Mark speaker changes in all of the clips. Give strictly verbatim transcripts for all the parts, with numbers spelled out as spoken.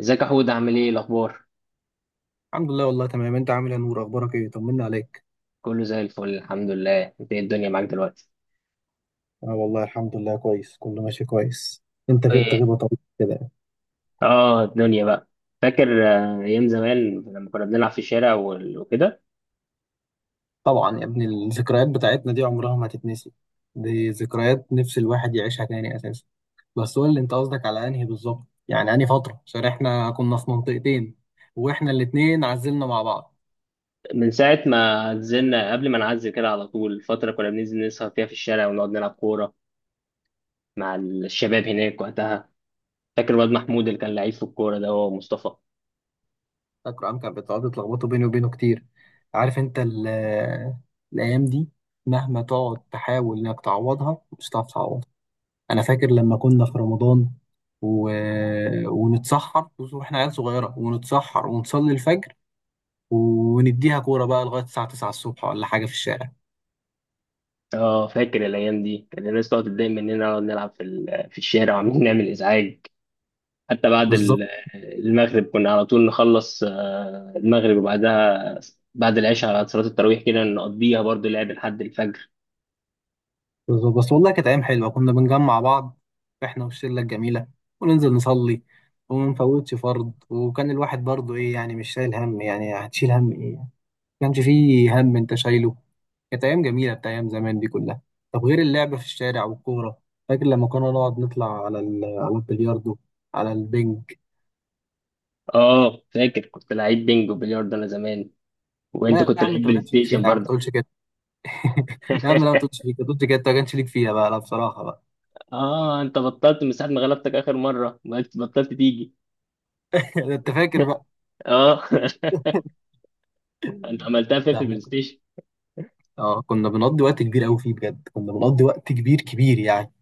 Speaker 1: ازيك يا حود؟ عامل ايه الاخبار؟
Speaker 2: الحمد لله، والله تمام. انت عامل ايه يا نور؟ اخبارك ايه؟ طمنا عليك.
Speaker 1: كله زي الفل الحمد لله. انت ايه الدنيا معاك دلوقتي؟
Speaker 2: اه، والله الحمد لله، كويس، كله ماشي كويس. انت غبت
Speaker 1: ايه؟
Speaker 2: غيبه طويله كده.
Speaker 1: اه الدنيا بقى. فاكر آه، ايام زمان لما كنا بنلعب في الشارع وال- وكده.
Speaker 2: طبعا يا ابني، الذكريات بتاعتنا دي عمرها ما هتتنسي. دي ذكريات نفس الواحد يعيشها تاني اساسا. بس قول لي، انت قصدك على انهي بالظبط، يعني انهي فتره، عشان احنا كنا في منطقتين واحنا الاتنين عزلنا مع بعض.
Speaker 1: من ساعه ما نزلنا قبل ما نعزل كده على طول فتره كنا بننزل نسهر فيها في الشارع ونقعد نلعب كوره مع الشباب هناك وقتها. فاكر الواد محمود اللي كان لعيب في الكوره؟ ده هو مصطفى.
Speaker 2: فاكر عم كانت بتقعد تلخبطوا بيني وبينه كتير. عارف انت ال- الايام دي مهما تقعد تحاول انك تعوضها مش هتعرف تعوضها. انا فاكر لما كنا في رمضان و... ونتسحر، بص، واحنا عيال صغيره، ونتسحر ونصلي الفجر، ونديها كوره بقى لغايه الساعه تسعه الصبح ولا حاجه في الشارع.
Speaker 1: اه فاكر الايام دي، كان الناس تقعد تتضايق مننا نقعد نلعب في ال- في الشارع وعاملين نعمل ازعاج. حتى بعد
Speaker 2: بالظبط
Speaker 1: ال- المغرب كنا على طول نخلص، آه، المغرب وبعدها بعد العشاء على صلاة التراويح كده نقضيها برضو لعب لحد الفجر.
Speaker 2: بالظبط، بس والله كانت ايام حلوه، كنا بنجمع بعض احنا والشله الجميله، وننزل نصلي وما نفوتش فرض. وكان الواحد برضه ايه يعني؟ مش شايل هم. يعني هتشيل هم ايه؟ ما كانش فيه هم انت شايله. كانت أيام جميلة، بتاع أيام زمان دي كلها. طب غير اللعب في الشارع والكورة، فاكر لما كنا نقعد نطلع على ال- على البلياردو، على البنج.
Speaker 1: اه فاكر كنت لعيب بينج وبلياردو انا زمان، وانت
Speaker 2: لا يا
Speaker 1: كنت
Speaker 2: عم،
Speaker 1: لعيب
Speaker 2: أنت ما
Speaker 1: بلاي
Speaker 2: كانش ليك فيها،
Speaker 1: ستيشن
Speaker 2: يا عم ما
Speaker 1: برضه.
Speaker 2: تقولش كده. يا عم لا، ما تقولش، ليك ما تقولش كده، أنت ما كانش ليك فيها بقى، لا بصراحة بقى.
Speaker 1: اه انت بطلت من ساعة ما غلبتك اخر مرة، ما بطلت تيجي.
Speaker 2: ده أنت فاكر بقى.
Speaker 1: اه انت عملتها فين في
Speaker 2: لا احنا
Speaker 1: البلاي
Speaker 2: كنا
Speaker 1: ستيشن؟
Speaker 2: اه، كنا بنقضي وقت كبير قوي فيه، بجد كنا بنقضي وقت كبير كبير يعني.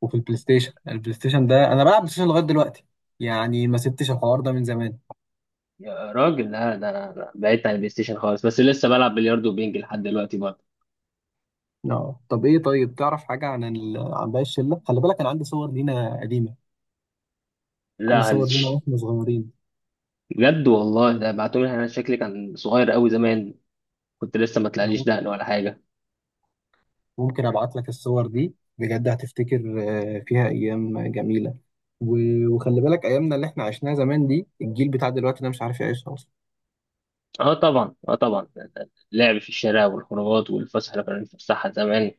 Speaker 2: وفي البلاي ستيشن البلاي ستيشن ده أنا بلعب بلاي ستيشن لغاية دلوقتي، يعني ما سبتش الحوار ده من زمان.
Speaker 1: يا راجل لا، ده انا أنا بعدت عن البلاي ستيشن خالص، بس لسه بلعب بلياردو وبينج لحد دلوقتي برضه.
Speaker 2: اه طب ايه، طيب تعرف حاجه عن ال... عن باقي الشله؟ خلي بالك انا عندي صور لينا قديمه، عندي
Speaker 1: لا
Speaker 2: صور لينا
Speaker 1: هلش.
Speaker 2: واحنا صغيرين.
Speaker 1: بجد والله، ده بعتولي انا شكلي كان صغير قوي زمان. كنت لسه ما
Speaker 2: انا
Speaker 1: طلعليش
Speaker 2: مم-
Speaker 1: دقن ولا حاجه.
Speaker 2: ممكن ابعت لك الصور دي، بجد هتفتكر. آه، فيها ايام جميله و... وخلي بالك ايامنا اللي احنا عشناها زمان دي، الجيل بتاع دلوقتي ده مش عارف يعيشها اصلا.
Speaker 1: اه طبعا، اه طبعا. اللعب في الشارع والخروجات والفسحه اللي كنا بنتفسحها زمان،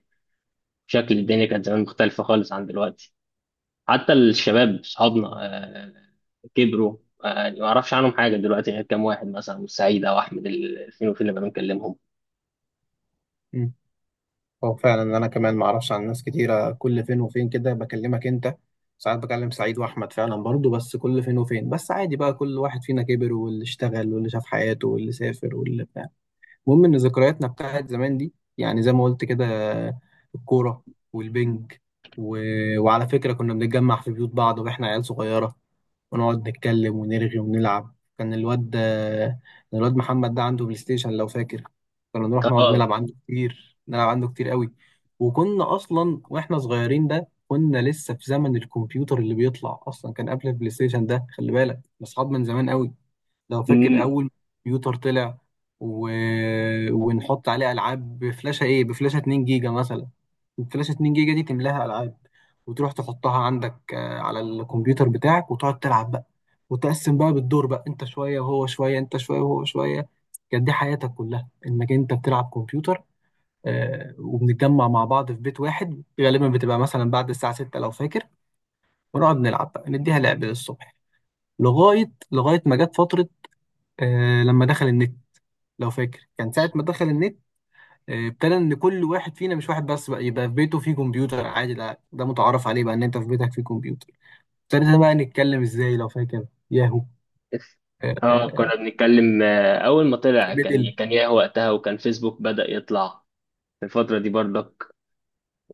Speaker 1: شكل الدنيا كانت زمان مختلفه خالص عن دلوقتي. حتى الشباب اصحابنا آه كبروا. آه يعني ما اعرفش عنهم حاجه دلوقتي غير كام واحد مثلا من سعيد او احمد، ال- فين وفين لما بنكلمهم.
Speaker 2: مم. هو فعلا انا كمان ما اعرفش عن ناس كتيره، كل فين وفين كده بكلمك انت. ساعات بكلم سعيد واحمد فعلا برضو، بس كل فين وفين بس، عادي بقى. كل واحد فينا كبر، واللي اشتغل واللي شاف حياته واللي سافر واللي بتاع. المهم ان ذكرياتنا بتاعت زمان دي، يعني زي ما قلت كده، الكوره والبنج، و... وعلى فكره كنا بنتجمع في بيوت بعض واحنا عيال صغيره، ونقعد نتكلم ونرغي ونلعب. كان الواد ده- الواد محمد ده عنده بلاي ستيشن لو فاكر، كنا نروح نقعد
Speaker 1: اه.
Speaker 2: نلعب عنده كتير، نلعب عنده كتير قوي. وكنا اصلا واحنا صغيرين ده كنا لسه في زمن الكمبيوتر اللي بيطلع، اصلا كان قبل البلاي ستيشن ده، خلي بالك اصحاب من زمان قوي. لو فاكر
Speaker 1: مم.
Speaker 2: اول كمبيوتر طلع، و... ونحط عليه العاب بفلاشه، ايه، بفلاشه اتنين جيجا مثلا. الفلاشه اتنين جيجا دي تملاها العاب، وتروح تحطها عندك، آه، على الكمبيوتر بتاعك، وتقعد تلعب بقى. وتقسم بقى بالدور بقى، انت شويه وهو شويه، انت شويه وهو شويه. كانت دي حياتك كلها، انك انت بتلعب كمبيوتر. آه، وبنتجمع مع بعض في بيت واحد غالبا، بتبقى مثلا بعد الساعه سته لو فاكر، ونقعد نلعب بقى، نديها لعب للصبح لغايه لغايه ما جت فتره آه، لما دخل النت. لو فاكر كان ساعة ما دخل النت، آه، ابتدى ان كل واحد فينا، مش واحد بس بقى، يبقى في بيته فيه كمبيوتر. عادي ده ده متعارف عليه بقى، ان انت في بيتك فيه كمبيوتر. ابتدينا بقى نتكلم ازاي، لو فاكر، ياهو. آه،
Speaker 1: اه كنا
Speaker 2: آه،
Speaker 1: بنتكلم، آه، اول ما
Speaker 2: في
Speaker 1: طلع كان
Speaker 2: ميدل.
Speaker 1: كان ياهو وقتها، وكان فيسبوك بدأ يطلع في الفترة دي برضه.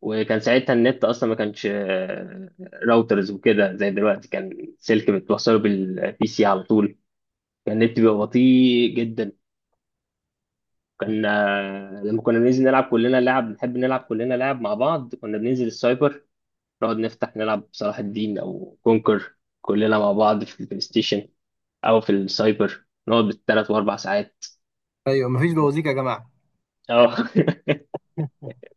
Speaker 1: وكان ساعتها النت اصلا ما كانش آه، راوترز وكده زي دلوقتي، كان سلك بتوصله بالبي سي على طول. كان النت بيبقى بطيء جدا. كان آه، لما كنا بننزل نلعب كلنا لعب، بنحب نلعب كلنا لعب مع بعض، كنا بننزل السايبر نقعد نفتح نلعب صلاح الدين او كونكر كلنا مع بعض في البلاي ستيشن، او في السايبر نقعد بالثلاث واربع ساعات.
Speaker 2: ايوه مفيش بوازيك يا جماعة.
Speaker 1: اه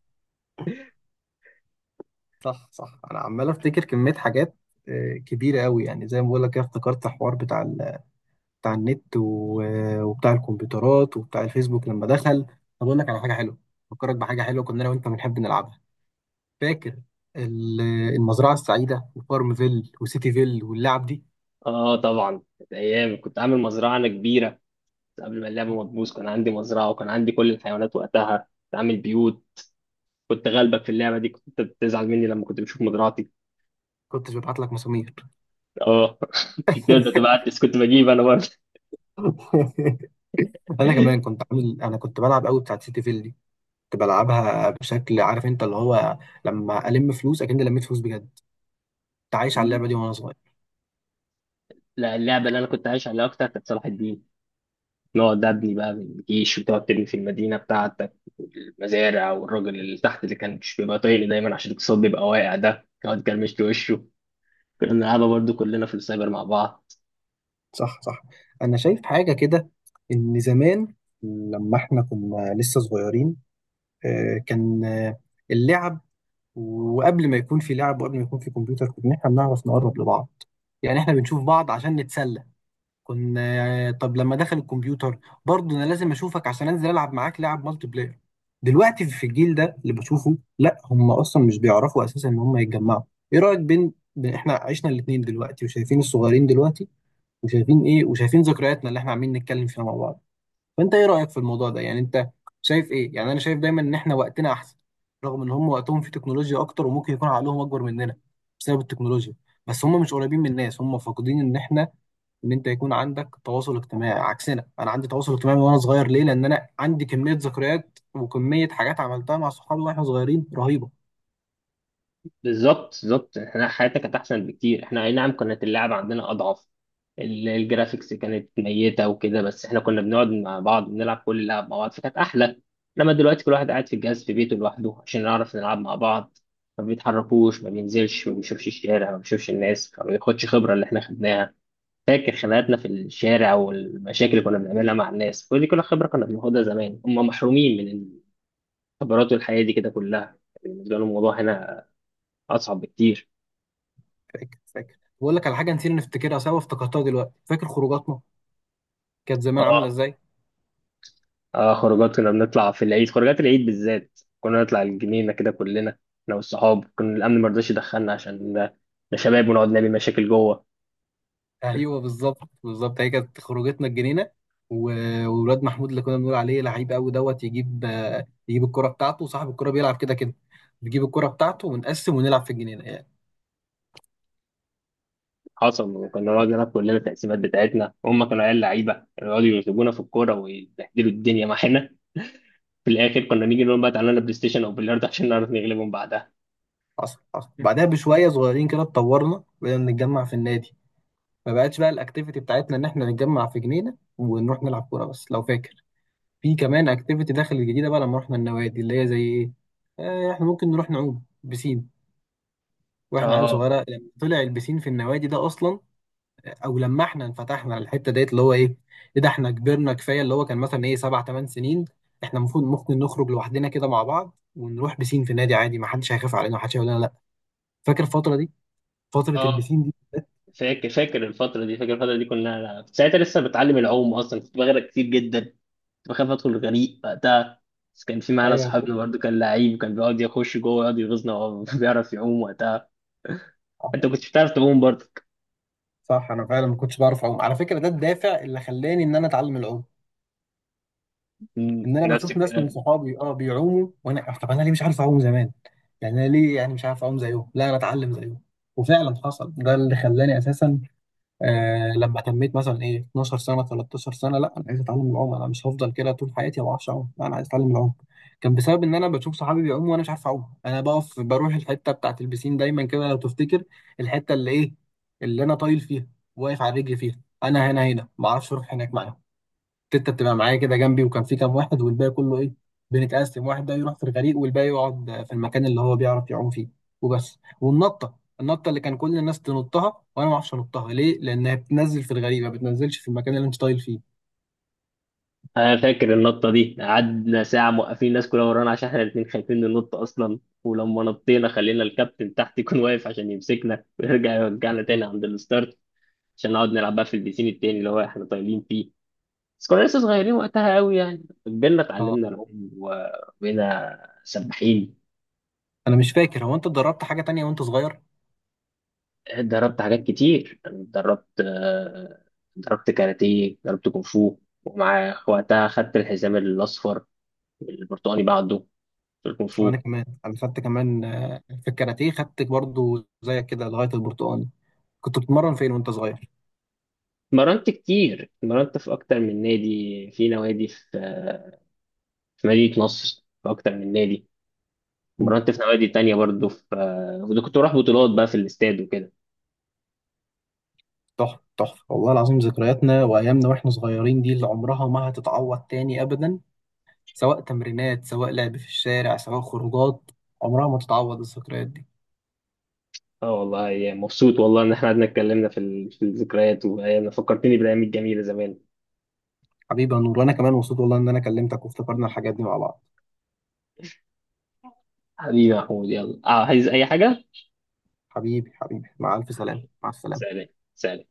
Speaker 2: صح صح، انا عمال افتكر كمية حاجات آه، كبيرة قوي، يعني زي ما بقول لك كده افتكرت حوار بتاع ال... بتاع النت و... آه، وبتاع الكمبيوترات وبتاع الفيسبوك لما دخل. طب اقول لك على حاجة حلوة، افكرك بحاجة حلوة كنا انا وانت بنحب نلعبها. فاكر ال- المزرعة السعيدة وفارم فيل وسيتي فيل واللعب دي؟
Speaker 1: اه طبعا، كانت ايام. كنت عامل مزرعه انا كبيره قبل ما اللعبة ما تبوظ. كان عندي مزرعة وكان عندي كل الحيوانات وقتها، كنت عامل بيوت. كنت غالبك في اللعبة دي، كنت بتزعل مني لما كنت بشوف مزرعتي.
Speaker 2: كنتش ببعت لك مسامير.
Speaker 1: اه كنت بتبدأ تبعتس كنت بجيب انا برضه.
Speaker 2: انا كمان كنت عامل، انا كنت بلعب قوي بتاعت سيتي فيل دي، كنت بلعبها بشكل، عارف انت اللي هو، لما الم فلوس اكن لميت فلوس بجد. كنت عايش على اللعبة دي وانا صغير.
Speaker 1: لا اللعبة اللي انا كنت عايش عليها اكتر كانت صلاح الدين. نقعد ابني بقى من الجيش وتقعد تبني في المدينة بتاعتك المزارع، والراجل اللي تحت اللي كان مش بيبقى طايق لي دايما عشان الاقتصاد بيبقى واقع ده يقعد كرمش وشه. كنا بنلعبها برضه كلنا في السايبر مع بعض.
Speaker 2: صح صح، انا شايف حاجة كده، ان زمان لما احنا كنا لسه صغيرين آه، كان آه، اللعب، وقبل ما يكون في لعب وقبل ما يكون في كمبيوتر، كنا احنا بنعرف نقرب لبعض. يعني احنا بنشوف بعض عشان نتسلى. كنا، طب لما دخل الكمبيوتر برضه انا لازم اشوفك عشان انزل العب معاك لعب مالتي بلاير. دلوقتي في الجيل ده اللي بشوفه، لا، هم اصلا مش بيعرفوا اساسا ان هم يتجمعوا. ايه رايك، بين بين- احنا عشنا الاثنين دلوقتي وشايفين الصغيرين دلوقتي، وشايفين ايه، وشايفين ذكرياتنا اللي احنا عاملين نتكلم فيها مع بعض. فانت ايه رايك في الموضوع ده؟ يعني انت شايف ايه؟ يعني انا شايف دايما ان احنا وقتنا احسن، رغم ان هم وقتهم في تكنولوجيا اكتر وممكن يكون عقلهم اكبر مننا بسبب التكنولوجيا، بس هم مش قريبين من الناس. هم فاقدين ان احنا، ان انت يكون عندك تواصل اجتماعي. عكسنا، انا عندي تواصل اجتماعي من وانا صغير، ليه؟ لان انا عندي كميه ذكريات وكميه حاجات عملتها مع صحابي واحنا صغيرين رهيبه.
Speaker 1: بالظبط، بالظبط. احنا حياتنا كانت احسن بكتير. احنا اي نعم كانت اللعبه عندنا اضعف، ال- الجرافيكس كانت ميته وكده، بس احنا كنا بنقعد مع بعض بنلعب كل اللعب مع بعض فكانت احلى. انما دلوقتي كل واحد قاعد في الجهاز في بيته لوحده عشان نعرف نلعب مع بعض. ما بيتحركوش ما بينزلش ما بيشوفش الشارع ما بيشوفش الناس ما بياخدش خبره اللي احنا خدناها. فاكر خناقاتنا في الشارع والمشاكل اللي كنا بنعملها مع الناس، كل دي كلها خبره كنا بناخدها زمان. هم محرومين من الخبرات والحياه دي كده كلها. بالنسبه لهم الموضوع هنا اصعب بكتير.
Speaker 2: فاكر فاكر، بقول لك على حاجه نسينا نفتكرها سوا، افتكرتها دلوقتي، فاكر خروجاتنا كانت زمان عامله
Speaker 1: اه.
Speaker 2: ازاي؟
Speaker 1: اه خروجات كنا بنطلع في العيد، خروجات العيد بالذات كنا نطلع الجنينة كده كلنا انا والصحاب. كنا الامن ما رضاش يدخلنا عشان ده، ده شباب ونقعد نعمل مشاكل جوه.
Speaker 2: ايوه بالظبط بالظبط، هي كانت خروجتنا الجنينه. و- وولاد محمود اللي كنا بنقول عليه لعيب قوي دوت، يجيب، آه، يجيب الكره بتاعته، وصاحب الكره بيلعب كده كده، نجيب الكره بتاعته ونقسم ونلعب في الجنينه يعني.
Speaker 1: حصل. وكنا نقعد نلعب كلنا التقسيمات بتاعتنا، وهم كانوا عيال لعيبه يقعدوا يرتبونا في الكوره ويبهدلوا الدنيا معانا. في الاخر كنا نيجي نقول بقى تعالى لنا بلاي ستيشن او بلياردو عشان نعرف نغلبهم بعدها.
Speaker 2: حصل حصل، بعدها بشويه صغيرين كده اتطورنا، بقينا نتجمع في النادي. ما بقتش بقى الاكتيفيتي بتاعتنا ان احنا نتجمع في جنينه ونروح نلعب كوره بس لو فاكر، في كمان اكتيفيتي داخل الجديده بقى لما رحنا النوادي، اللي هي زي ايه، آه، احنا ممكن نروح نعوم بسين واحنا عيال
Speaker 1: اه.
Speaker 2: صغيره، لما طلع البسين في النوادي ده اصلا. او لما احنا انفتحنا على الحته ديت اللي هو ايه، ايه ده، احنا كبرنا كفايه، اللي هو كان مثلا ايه سبع ثمان سنين، احنا المفروض ممكن نخرج لوحدنا كده مع بعض ونروح بسين في نادي عادي، ما حدش هيخاف علينا، ما حدش هيقول لنا لا. فاكر الفتره دي، فتره
Speaker 1: اه
Speaker 2: البسين دي؟
Speaker 1: فاكر فاكر الفترة دي، فاكر الفترة دي. كنا ساعتها لسه بتعلم العوم اصلا، كنت بغرق كتير جدا. كنت بخاف ادخل الغريق وقتها. بس كان في معانا
Speaker 2: ايوه أنا فاكر.
Speaker 1: صحابنا برضه كان لعيب وكان بيقعد يخش جوه ويقعد يغيظنا وهو بيعرف يعوم وقتها.
Speaker 2: آه،
Speaker 1: انت كنتش بتعرف تعوم برضه.
Speaker 2: صح، انا فعلا ما كنتش بعرف اعوم على فكره، ده الدافع اللي خلاني ان انا اتعلم العوم.
Speaker 1: مم،
Speaker 2: ان انا
Speaker 1: نفس
Speaker 2: بشوف ناس من
Speaker 1: الكلام.
Speaker 2: صحابي، اه، بيعوموا وانا، طب انا ليه مش عارف اعوم زمان؟ يعني انا ليه يعني مش عارف اعوم زيهم؟ لا، انا اتعلم زيهم. وفعلا حصل، ده اللي خلاني اساسا، آه لما تميت مثلا ايه اثنا عشر سنه تلتاشر سنه، لا انا عايز اتعلم العوم، انا مش هفضل كده طول حياتي ما بعرفش اعوم، لا انا عايز اتعلم العوم. كان بسبب ان انا بشوف صحابي بيعوموا وانا مش عارف اعوم. انا بقف، بروح الحته بتاعت البسين دايما كده لو تفتكر، الحته اللي ايه، اللي انا طايل فيها، واقف على رجلي فيها، انا هنا هنا، ما اعرفش اروح هناك معاهم. تيتا بتبقى معايا كده جنبي، وكان في كام واحد والباقي كله، ايه، بنتقسم، واحد ده يروح في الغريق والباقي يقعد في المكان اللي هو بيعرف يعوم فيه. وبس، والنطه، النطه اللي كان كل الناس تنطها وانا ما اعرفش انطها، ليه؟ لانها بتنزل في الغريق، ما بتنزلش في المكان اللي انت طايل فيه.
Speaker 1: انا فاكر النطه دي، قعدنا ساعه موقفين الناس كلها ورانا عشان احنا الاثنين خايفين ننط اصلا. ولما نطينا خلينا الكابتن تحت يكون واقف عشان يمسكنا ويرجع يرجعنا تاني عند الستارت عشان نقعد نلعب بقى في البيسين التاني اللي هو احنا طايلين فيه. بس كنا لسه صغيرين وقتها قوي، يعني كبرنا
Speaker 2: اه،
Speaker 1: اتعلمنا العوم وبقينا سباحين.
Speaker 2: انا مش فاكر، هو انت اتدربت حاجه تانية وانت صغير؟
Speaker 1: اتدربت حاجات كتير، اتدربت آه، اتدربت كاراتيه اتدربت كونغ فو. ومع وقتها خدت الحزام الأصفر والبرتقالي بعده في الكونغ
Speaker 2: وانا
Speaker 1: فو.
Speaker 2: كمان، انا خدت كمان آه، في الكاراتيه، خدت برضو زيك كده لغايه البرتقال. كنت بتتمرن فين وانت صغير؟
Speaker 1: اتمرنت كتير، اتمرنت في أكتر من نادي، في نوادي في آه، في مدينة نصر في أكتر من نادي. اتمرنت في نوادي تانية برضه في آه، وده كنت بروح بطولات بقى في الاستاد وكده.
Speaker 2: تحفة تحفة، والله العظيم ذكرياتنا وأيامنا وإحنا صغيرين دي اللي عمرها ما هتتعوض تاني أبدا، سواء تمرينات، سواء لعب في الشارع، سواء خروجات، عمرها ما تتعوض الذكريات دي.
Speaker 1: اه والله يا مبسوط، والله ان احنا قعدنا اتكلمنا في ال- في الذكريات وايام، فكرتني بالايام الجميله زمان.
Speaker 2: حبيبي يا نور، وأنا كمان مبسوط والله إن أنا كلمتك وافتكرنا الحاجات دي مع بعض.
Speaker 1: حبيبي يا محمود، يلا آه، عايز اي حاجه؟
Speaker 2: حبيبي حبيبي، مع ألف سلامة، مع السلامة.
Speaker 1: سلام. سلام.